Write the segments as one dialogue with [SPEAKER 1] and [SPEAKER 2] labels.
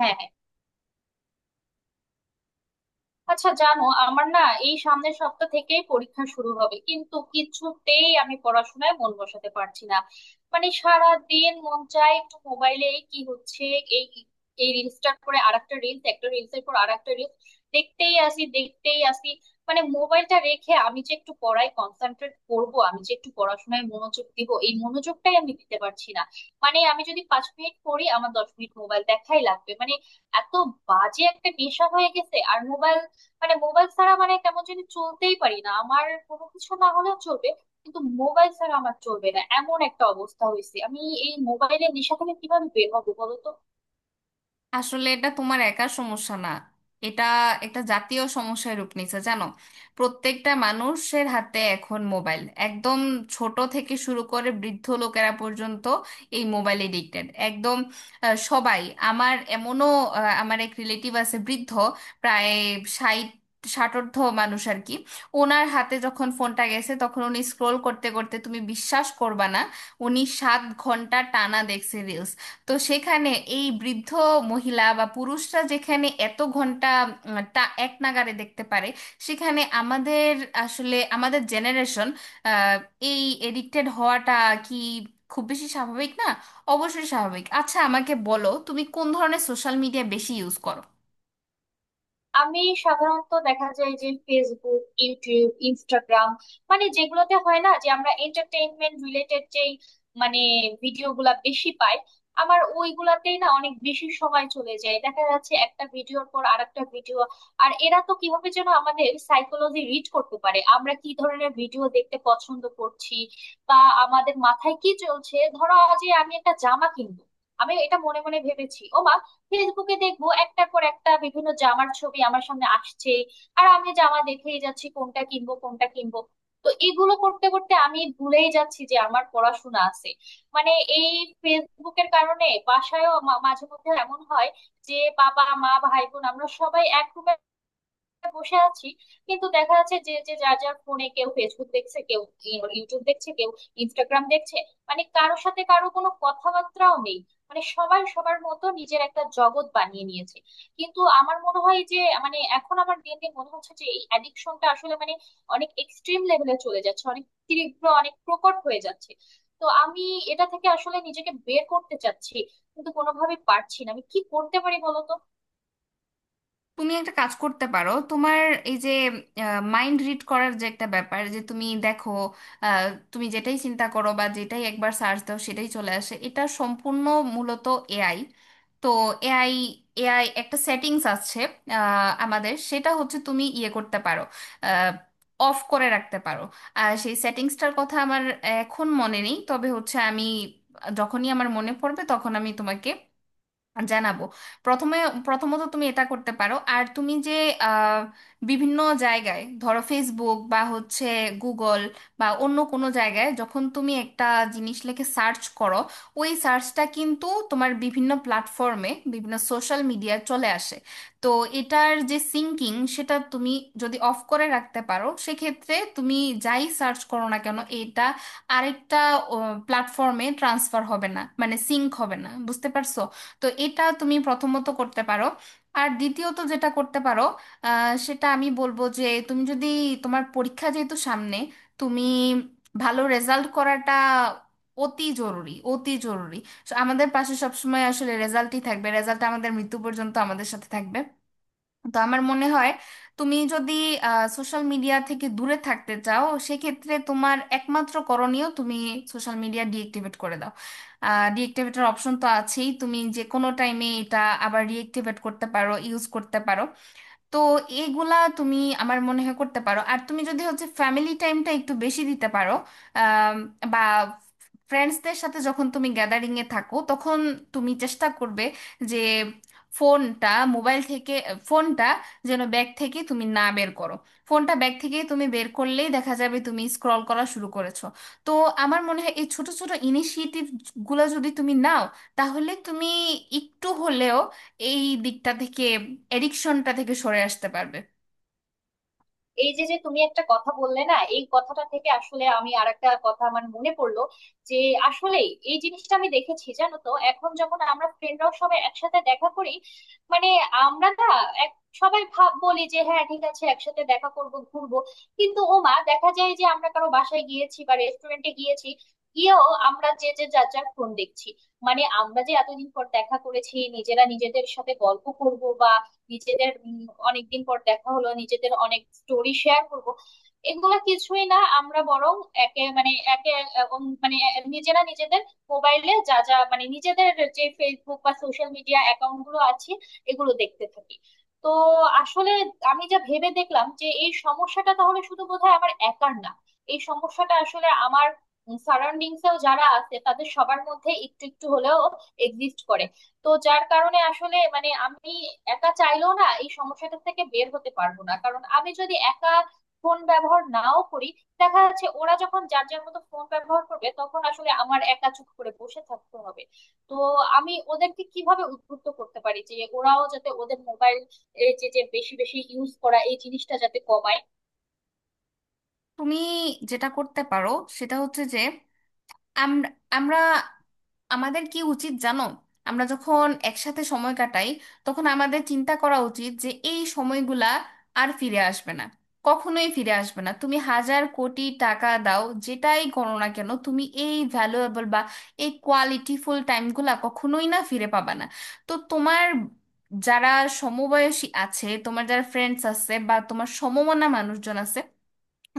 [SPEAKER 1] হ্যাঁ হ্যাঁ। আচ্ছা জানো আমার না, এই সামনের সপ্তাহ থেকেই পরীক্ষা শুরু হবে কিন্তু কিছুতেই আমি পড়াশোনায় মন বসাতে পারছি না। মানে সারা দিন মন চায় একটু মোবাইলে কি হচ্ছে, এই এই রিলসটার পরে আরেকটা রিলস, একটা রিলসের পর আরেকটা রিলস, দেখতেই আসি দেখতেই আসি। মানে মোবাইলটা রেখে আমি যে একটু পড়ায় কনসেন্ট্রেট করব, আমি যে একটু পড়াশোনায় মনোযোগ দিব, এই মনোযোগটাই আমি দিতে পারছি না। মানে আমি যদি 5 মিনিট পড়ি আমার 10 মিনিট মোবাইল দেখাই লাগবে, মানে এত বাজে একটা নেশা হয়ে গেছে আর মোবাইল। মানে মোবাইল ছাড়া মানে কেমন যদি চলতেই পারি না, আমার কোনো কিছু না হলেও চলবে কিন্তু মোবাইল ছাড়া আমার চলবে না, এমন একটা অবস্থা হয়েছে। আমি এই মোবাইলের নেশা থেকে কিভাবে বের হবো বলো তো?
[SPEAKER 2] আসলে এটা তোমার একার সমস্যা না। এটা একটা জাতীয় সমস্যায় রূপ নিচ্ছে, জানো। প্রত্যেকটা মানুষের হাতে এখন মোবাইল, একদম ছোট থেকে শুরু করে বৃদ্ধ লোকেরা পর্যন্ত এই মোবাইল এডিক্টেড একদম। সবাই। আমার এমনও, আমার এক রিলেটিভ আছে বৃদ্ধ, প্রায় ষাট ষাটোর্ধ্ব মানুষ আর কি। ওনার হাতে যখন ফোনটা গেছে, তখন উনি স্ক্রোল করতে করতে, তুমি বিশ্বাস করবা না, উনি 7 ঘন্টা টানা দেখছে রিলস। তো সেখানে এই বৃদ্ধ মহিলা বা পুরুষরা যেখানে এত ঘন্টা টা এক নাগাড়ে দেখতে পারে, সেখানে আমাদের, আসলে আমাদের জেনারেশন এই এডিক্টেড হওয়াটা কি খুব বেশি স্বাভাবিক না? অবশ্যই স্বাভাবিক। আচ্ছা, আমাকে বলো তুমি কোন ধরনের সোশ্যাল মিডিয়া বেশি ইউজ করো।
[SPEAKER 1] আমি সাধারণত দেখা যায় যে ফেসবুক, ইউটিউব, ইনস্টাগ্রাম, মানে যেগুলোতে হয় না যে আমরা এন্টারটেইনমেন্ট রিলেটেড যেই মানে ভিডিও গুলা বেশি পাই, আমার ওইগুলাতেই না অনেক বেশি সময় চলে যায়। দেখা যাচ্ছে একটা ভিডিওর পর আরেকটা ভিডিও। আর এরা তো কিভাবে যেন আমাদের সাইকোলজি রিড করতে পারে, আমরা কি ধরনের ভিডিও দেখতে পছন্দ করছি বা আমাদের মাথায় কি চলছে। ধরো যে আমি একটা জামা কিনবো, আমি এটা মনে মনে ভেবেছি, ও মা, ফেসবুকে দেখবো একটার পর একটা বিভিন্ন জামার ছবি আমার সামনে আসছে। আর আমি জামা দেখেই যাচ্ছি কোনটা কিনবো কোনটা কিনবো। তো এগুলো করতে করতে আমি ভুলেই যাচ্ছি যে আমার পড়াশোনা আছে। মানে এই ফেসবুকের কারণে বাসায়ও মাঝে মধ্যে এমন হয় যে বাবা মা ভাই বোন আমরা সবাই এক room বসে আছি, কিন্তু দেখা যাচ্ছে যে যে যার যার ফোনে কেউ ফেসবুক দেখছে, কেউ ইউটিউব দেখছে, কেউ ইনস্টাগ্রাম দেখছে। মানে কারোর সাথে কারো কোনো কথাবার্তাও নেই, মানে সবাই সবার মতো নিজের একটা জগৎ বানিয়ে নিয়েছে। কিন্তু আমার মনে হয় যে মানে এখন আমার দিন দিন মনে হচ্ছে যে এই অ্যাডিকশনটা আসলে মানে অনেক এক্সট্রিম লেভেলে চলে যাচ্ছে, অনেক তীব্র, অনেক প্রকট হয়ে যাচ্ছে। তো আমি এটা থেকে আসলে নিজেকে বের করতে চাচ্ছি কিন্তু কোনোভাবে পারছি না, আমি কি করতে পারি বলতো?
[SPEAKER 2] তুমি একটা কাজ করতে পারো। তোমার এই যে মাইন্ড রিড করার যে একটা ব্যাপার, যে তুমি দেখো আহ, তুমি যেটাই চিন্তা করো বা যেটাই একবার সার্চ দাও সেটাই চলে আসে, এটা সম্পূর্ণ মূলত এআই। তো এআই এআই একটা সেটিংস আছে। আমাদের সেটা হচ্ছে তুমি ইয়ে করতে পারো, অফ করে রাখতে পারো। আর সেই সেটিংসটার কথা আমার এখন মনে নেই, তবে হচ্ছে আমি যখনই আমার মনে পড়বে তখন আমি তোমাকে জানাবো। প্রথমে প্রথমত তুমি এটা করতে পারো। আর তুমি যে আহ, বিভিন্ন জায়গায়, ধরো ফেসবুক বা হচ্ছে গুগল বা অন্য কোনো জায়গায় যখন তুমি একটা জিনিস লিখে সার্চ করো, ওই সার্চটা কিন্তু তোমার বিভিন্ন প্ল্যাটফর্মে বিভিন্ন সোশ্যাল মিডিয়ায় চলে আসে। তো এটার যে সিঙ্কিং, সেটা তুমি যদি অফ করে রাখতে পারো সেক্ষেত্রে তুমি যাই সার্চ করো না কেন, এটা আরেকটা প্ল্যাটফর্মে ট্রান্সফার হবে না, মানে সিঙ্ক হবে না, বুঝতে পারছো? তো এটা তুমি প্রথমত করতে পারো। আর দ্বিতীয়ত যেটা করতে পারো, সেটা আমি বলবো যে তুমি যদি, তোমার পরীক্ষা যেহেতু সামনে, তুমি ভালো রেজাল্ট করাটা অতি জরুরি, অতি জরুরি। So, আমাদের পাশে সবসময় আসলে রেজাল্টই থাকবে, রেজাল্ট আমাদের মৃত্যু পর্যন্ত আমাদের সাথে থাকবে। তো আমার মনে হয় তুমি যদি সোশ্যাল মিডিয়া থেকে দূরে থাকতে চাও সেক্ষেত্রে তোমার একমাত্র করণীয় তুমি সোশ্যাল মিডিয়া ডিএক্টিভেট করে দাও। ডিএক্টিভেটের অপশন তো আছেই, তুমি যে কোনো টাইমে এটা আবার রিএক্টিভেট করতে পারো, ইউজ করতে পারো। তো এগুলা তুমি আমার মনে হয় করতে পারো। আর তুমি যদি হচ্ছে ফ্যামিলি টাইমটা একটু বেশি দিতে পারো, আম, বা ফ্রেন্ডসদের সাথে যখন তুমি গ্যাদারিং এ থাকো, তখন তুমি চেষ্টা করবে যে ফোনটা, মোবাইল থেকে ফোনটা যেন ব্যাগ থেকে তুমি না বের করো। ফোনটা ব্যাগ থেকে তুমি বের করলেই দেখা যাবে তুমি স্ক্রল করা শুরু করেছো। তো আমার মনে হয় এই ছোট ছোট ইনিশিয়েটিভ গুলো যদি তুমি নাও, তাহলে তুমি একটু হলেও এই দিকটা থেকে, এডিকশনটা থেকে সরে আসতে পারবে।
[SPEAKER 1] এই যে যে তুমি একটা কথা বললে না, এই কথাটা থেকে আসলে আমি আর একটা কথা আমার মনে পড়লো। যে আসলে এই জিনিসটা আমি দেখেছি জানো তো, এখন যখন আমরা ফ্রেন্ডরাও সবাই একসাথে দেখা করি, মানে আমরা না এক, সবাই ভাব বলি যে হ্যাঁ ঠিক আছে একসাথে দেখা করব ঘুরবো, কিন্তু ও মা দেখা যায় যে আমরা কারো বাসায় গিয়েছি বা রেস্টুরেন্টে গিয়েছি, গিয়েও আমরা যে যে যার যার ফোন দেখছি। মানে আমরা যে এতদিন পর দেখা করেছি নিজেরা নিজেদের সাথে গল্প করব বা নিজেদের অনেকদিন পর দেখা হলো নিজেদের অনেক স্টোরি শেয়ার করব, এগুলা কিছুই না, আমরা বরং একে মানে নিজেরা নিজেদের মোবাইলে যা যা মানে নিজেদের যে ফেসবুক বা সোশ্যাল মিডিয়া অ্যাকাউন্ট গুলো আছে এগুলো দেখতে থাকি। তো আসলে আমি যা ভেবে দেখলাম যে এই সমস্যাটা তাহলে শুধু বোধহয় আমার একার না, এই সমস্যাটা আসলে আমার সারাউন্ডিংসেও যারা আছে তাদের সবার মধ্যে একটু একটু হলেও এক্সিস্ট করে। তো যার কারণে আসলে মানে আমি একা চাইলেও না, এই সমস্যাটা থেকে বের হতে পারবো না, কারণ আমি যদি একা ফোন ব্যবহার নাও করি, দেখা যাচ্ছে ওরা যখন যার যার মতো ফোন ব্যবহার করবে তখন আসলে আমার একা চুপ করে বসে থাকতে হবে। তো আমি ওদেরকে কিভাবে উদ্বুদ্ধ করতে পারি যে ওরাও যাতে ওদের মোবাইল এই যে যে বেশি বেশি ইউজ করা এই জিনিসটা যাতে কমায়?
[SPEAKER 2] তুমি যেটা করতে পারো সেটা হচ্ছে যে, আমরা, আমরা আমাদের কি উচিত জানো, আমরা যখন একসাথে সময় কাটাই, তখন আমাদের চিন্তা করা উচিত যে এই সময়গুলা আর ফিরে আসবে না, কখনোই ফিরে আসবে না। তুমি হাজার কোটি টাকা দাও, যেটাই করো না কেন, তুমি এই ভ্যালুয়েবল বা এই কোয়ালিটিফুল টাইমগুলা কখনোই না ফিরে পাবা না। তো তোমার যারা সমবয়সী আছে, তোমার যারা ফ্রেন্ডস আছে বা তোমার সমমনা মানুষজন আছে,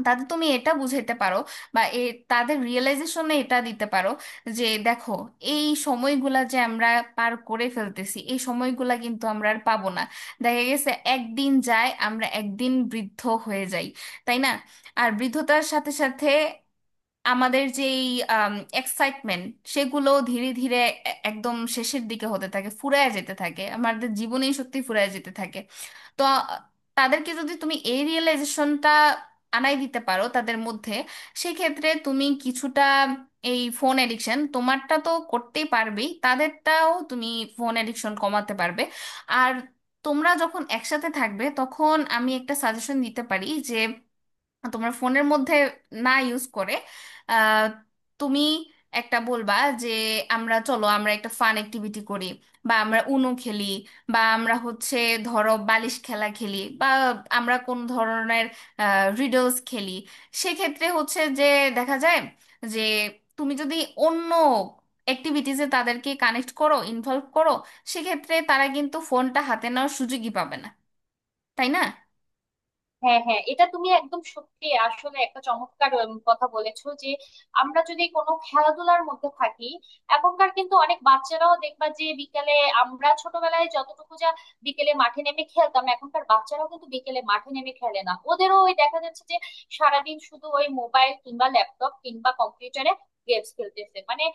[SPEAKER 2] তাতে তুমি এটা বুঝাইতে পারো, বা এ, তাদের রিয়েলাইজেশনে এটা দিতে পারো যে, দেখো, এই সময়গুলা যে আমরা পার করে ফেলতেছি এই সময়গুলা কিন্তু আমরা আর পাবো না। দেখা গেছে একদিন যায় আমরা একদিন বৃদ্ধ হয়ে যাই, তাই না? আর বৃদ্ধতার সাথে সাথে আমাদের যেই এক্সাইটমেন্ট সেগুলো ধীরে ধীরে একদম শেষের দিকে হতে থাকে, ফুরায় যেতে থাকে, আমাদের জীবনী শক্তি ফুরায় যেতে থাকে। তো আ, তাদেরকে যদি তুমি এই রিয়েলাইজেশনটা আনাই দিতে পারো তাদের মধ্যে, সেক্ষেত্রে তুমি কিছুটা এই ফোন এডিকশন তোমারটা তো করতেই পারবেই, তাদেরটাও তুমি ফোন এডিকশন কমাতে পারবে। আর তোমরা যখন একসাথে থাকবে তখন আমি একটা সাজেশন দিতে পারি যে তোমার ফোনের মধ্যে না ইউজ করে আহ, তুমি একটা বলবা যে, আমরা চলো আমরা একটা ফান অ্যাক্টিভিটি করি, বা আমরা উনো খেলি, বা আমরা হচ্ছে ধরো বালিশ খেলা খেলি, বা আমরা কোন ধরনের রিডলস খেলি। সেক্ষেত্রে হচ্ছে যে দেখা যায় যে তুমি যদি অন্য অ্যাক্টিভিটিসে তাদেরকে কানেক্ট করো, ইনভলভ করো, সেক্ষেত্রে তারা কিন্তু ফোনটা হাতে নেওয়ার সুযোগই পাবে না, তাই না?
[SPEAKER 1] হ্যাঁ হ্যাঁ, এটা তুমি একদম সত্যি, আসলে একটা চমৎকার কথা বলেছো যে আমরা যদি কোনো খেলাধুলার মধ্যে থাকি। এখনকার কিন্তু অনেক বাচ্চারাও দেখবা যে বিকেলে, আমরা ছোটবেলায় যতটুকু যা বিকেলে মাঠে নেমে খেলতাম, এখনকার বাচ্চারাও কিন্তু বিকেলে মাঠে নেমে খেলে না, ওদেরও ওই দেখা যাচ্ছে যে সারাদিন শুধু ওই মোবাইল কিংবা ল্যাপটপ কিংবা কম্পিউটারে গেমস খেলতেছে। মানে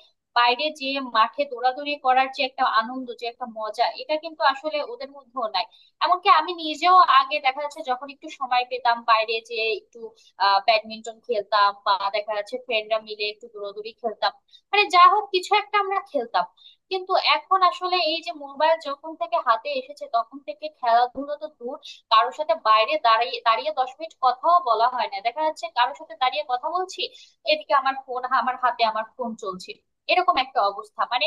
[SPEAKER 1] বাইরে যে মাঠে দৌড়াদৌড়ি করার যে একটা আনন্দ, যে একটা মজা, এটা কিন্তু আসলে ওদের মধ্যেও নাই। এমনকি আমি নিজেও আগে দেখা যাচ্ছে যখন একটু সময় পেতাম বাইরে যে একটু ব্যাডমিন্টন খেলতাম বা দেখা যাচ্ছে ফ্রেন্ডরা মিলে একটু দৌড়াদৌড়ি খেলতাম, মানে যা হোক কিছু একটা আমরা খেলতাম। কিন্তু এখন আসলে এই যে মোবাইল যখন থেকে হাতে এসেছে তখন থেকে খেলাধুলো তো দূর, কারোর সাথে বাইরে দাঁড়িয়ে দাঁড়িয়ে 10 মিনিট কথাও বলা হয় না। দেখা যাচ্ছে কারোর সাথে দাঁড়িয়ে কথা বলছি, এদিকে আমার ফোন আমার হাতে, আমার ফোন চলছে। এরকম একটা অবস্থা, মানে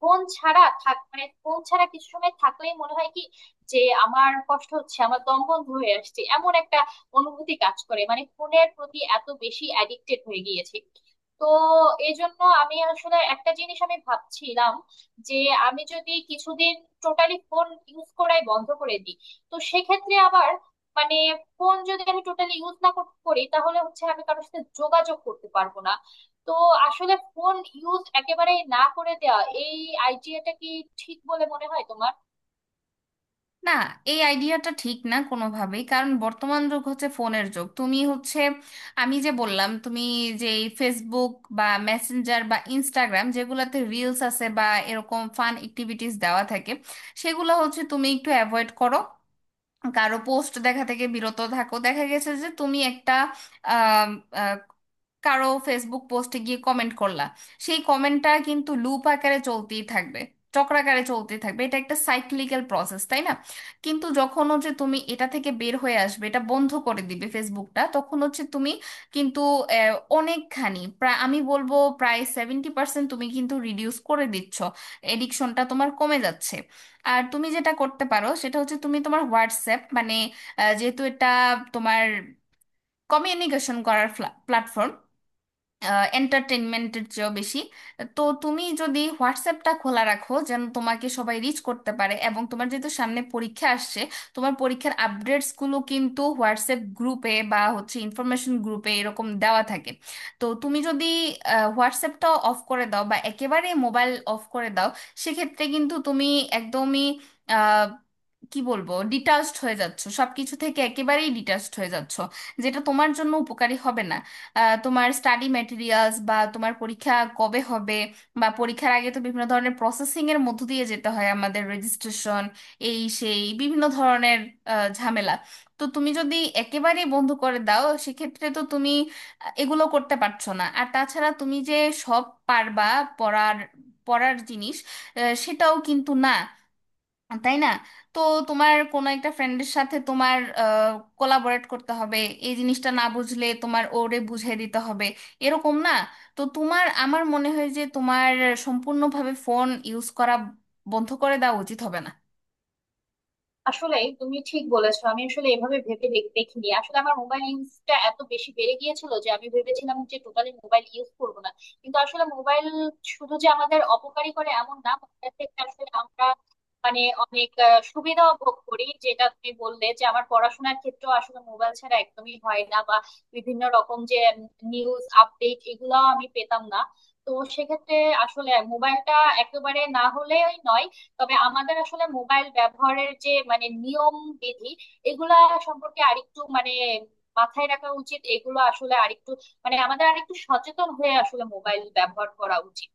[SPEAKER 1] ফোন ছাড়া থাক, মানে ফোন ছাড়া কিছু সময় থাকলেই মনে হয় কি যে আমার কষ্ট হচ্ছে, আমার দম বন্ধ হয়ে আসছে, এমন একটা অনুভূতি কাজ করে, মানে ফোনের প্রতি এত বেশি অ্যাডিক্টেড হয়ে গিয়েছে। তো এই জন্য আমি আসলে একটা জিনিস আমি ভাবছিলাম যে আমি যদি কিছুদিন টোটালি ফোন ইউজ করাই বন্ধ করে দিই। তো সেক্ষেত্রে আবার মানে ফোন যদি আমি টোটালি ইউজ না করি, তাহলে হচ্ছে আমি কারোর সাথে যোগাযোগ করতে পারবো না। তো আসলে ফোন ইউজ একেবারে না করে দেওয়া এই আইডিয়াটা কি ঠিক বলে মনে হয় তোমার?
[SPEAKER 2] না, এই আইডিয়াটা ঠিক না কোনোভাবেই। কারণ বর্তমান যুগ হচ্ছে ফোনের যুগ। তুমি হচ্ছে, আমি যে বললাম তুমি, যে এই ফেসবুক বা মেসেঞ্জার বা ইনস্টাগ্রাম যেগুলোতে রিলস আছে বা এরকম ফান অ্যাক্টিভিটিস দেওয়া থাকে, সেগুলো হচ্ছে তুমি একটু অ্যাভয়েড করো। কারো পোস্ট দেখা থেকে বিরত থাকো। দেখা গেছে যে তুমি একটা আম, আহ, কারো ফেসবুক পোস্টে গিয়ে কমেন্ট করলা, সেই কমেন্টটা কিন্তু লুপ আকারে চলতেই থাকবে, চক্রাকারে চলতেই থাকবে, এটা একটা সাইক্লিক্যাল প্রসেস, তাই না? কিন্তু যখন হচ্ছে তুমি এটা থেকে বের হয়ে আসবে, এটা বন্ধ করে দিবে ফেসবুকটা, তখন হচ্ছে তুমি কিন্তু আহ, অনেকখানি, প্রায় আমি বলবো প্রায় 70% তুমি কিন্তু রিডিউস করে দিচ্ছ, এডিকশনটা তোমার কমে যাচ্ছে। আর তুমি যেটা করতে পারো সেটা হচ্ছে তুমি তোমার হোয়াটসঅ্যাপ, মানে যেহেতু এটা তোমার কমিউনিকেশন করার প্ল্যাটফর্ম এন্টারটেনমেন্টের চেয়েও বেশি, তো তুমি যদি হোয়াটসঅ্যাপটা খোলা রাখো যেন তোমাকে সবাই রিচ করতে পারে, এবং তোমার যেহেতু সামনে পরীক্ষা আসছে, তোমার পরীক্ষার আপডেটসগুলো কিন্তু হোয়াটসঅ্যাপ গ্রুপে বা হচ্ছে ইনফরমেশন গ্রুপে এরকম দেওয়া থাকে। তো তুমি যদি হোয়াটসঅ্যাপটা অফ করে দাও বা একেবারে মোবাইল অফ করে দাও, সেক্ষেত্রে কিন্তু তুমি একদমই কি বলবো, ডিটাচড হয়ে যাচ্ছ সবকিছু থেকে, একেবারেই ডিটাচড হয়ে যাচ্ছ, যেটা তোমার জন্য উপকারী হবে না। তোমার স্টাডি ম্যাটেরিয়ালস বা তোমার পরীক্ষা কবে হবে, বা পরীক্ষার আগে তো বিভিন্ন ধরনের প্রসেসিং এর মধ্য দিয়ে যেতে হয় আমাদের, রেজিস্ট্রেশন এই সেই বিভিন্ন ধরনের ঝামেলা। তো তুমি যদি একেবারেই বন্ধ করে দাও সেক্ষেত্রে তো তুমি এগুলো করতে পারছো না। আর তাছাড়া তুমি যে সব পারবা, পড়ার পড়ার জিনিস সেটাও কিন্তু না, তাই না? তো তোমার কোনো একটা ফ্রেন্ডের সাথে তোমার কোলাবোরেট করতে হবে। এই জিনিসটা না বুঝলে তোমার ওরে বুঝিয়ে দিতে হবে, এরকম না? তো তোমার, আমার মনে হয় যে তোমার সম্পূর্ণভাবে ফোন ইউজ করা বন্ধ করে দেওয়া উচিত হবে না।
[SPEAKER 1] আসলে তুমি ঠিক বলেছো, আমি আসলে এভাবে ভেবে দেখিনি, আসলে আমার মোবাইল ইউজটা এত বেশি বেড়ে গিয়েছিল যে আমি ভেবেছিলাম যে টোটালি মোবাইল ইউজ করবো না। কিন্তু আসলে মোবাইল শুধু যে আমাদের অপকারী করে এমন না, মোবাইল থেকে আসলে আমরা মানে অনেক সুবিধাও ভোগ করি, যেটা তুমি বললে যে আমার পড়াশোনার ক্ষেত্রেও আসলে মোবাইল ছাড়া একদমই হয় না, বা বিভিন্ন রকম যে নিউজ আপডেট এগুলাও আমি পেতাম না। তো সেক্ষেত্রে আসলে মোবাইলটা একেবারে না হলেই নয়। তবে আমাদের আসলে মোবাইল ব্যবহারের যে মানে নিয়ম বিধি এগুলা সম্পর্কে আরেকটু মানে মাথায় রাখা উচিত, এগুলো আসলে আরেকটু মানে আমাদের আরেকটু সচেতন হয়ে আসলে মোবাইল ব্যবহার করা উচিত।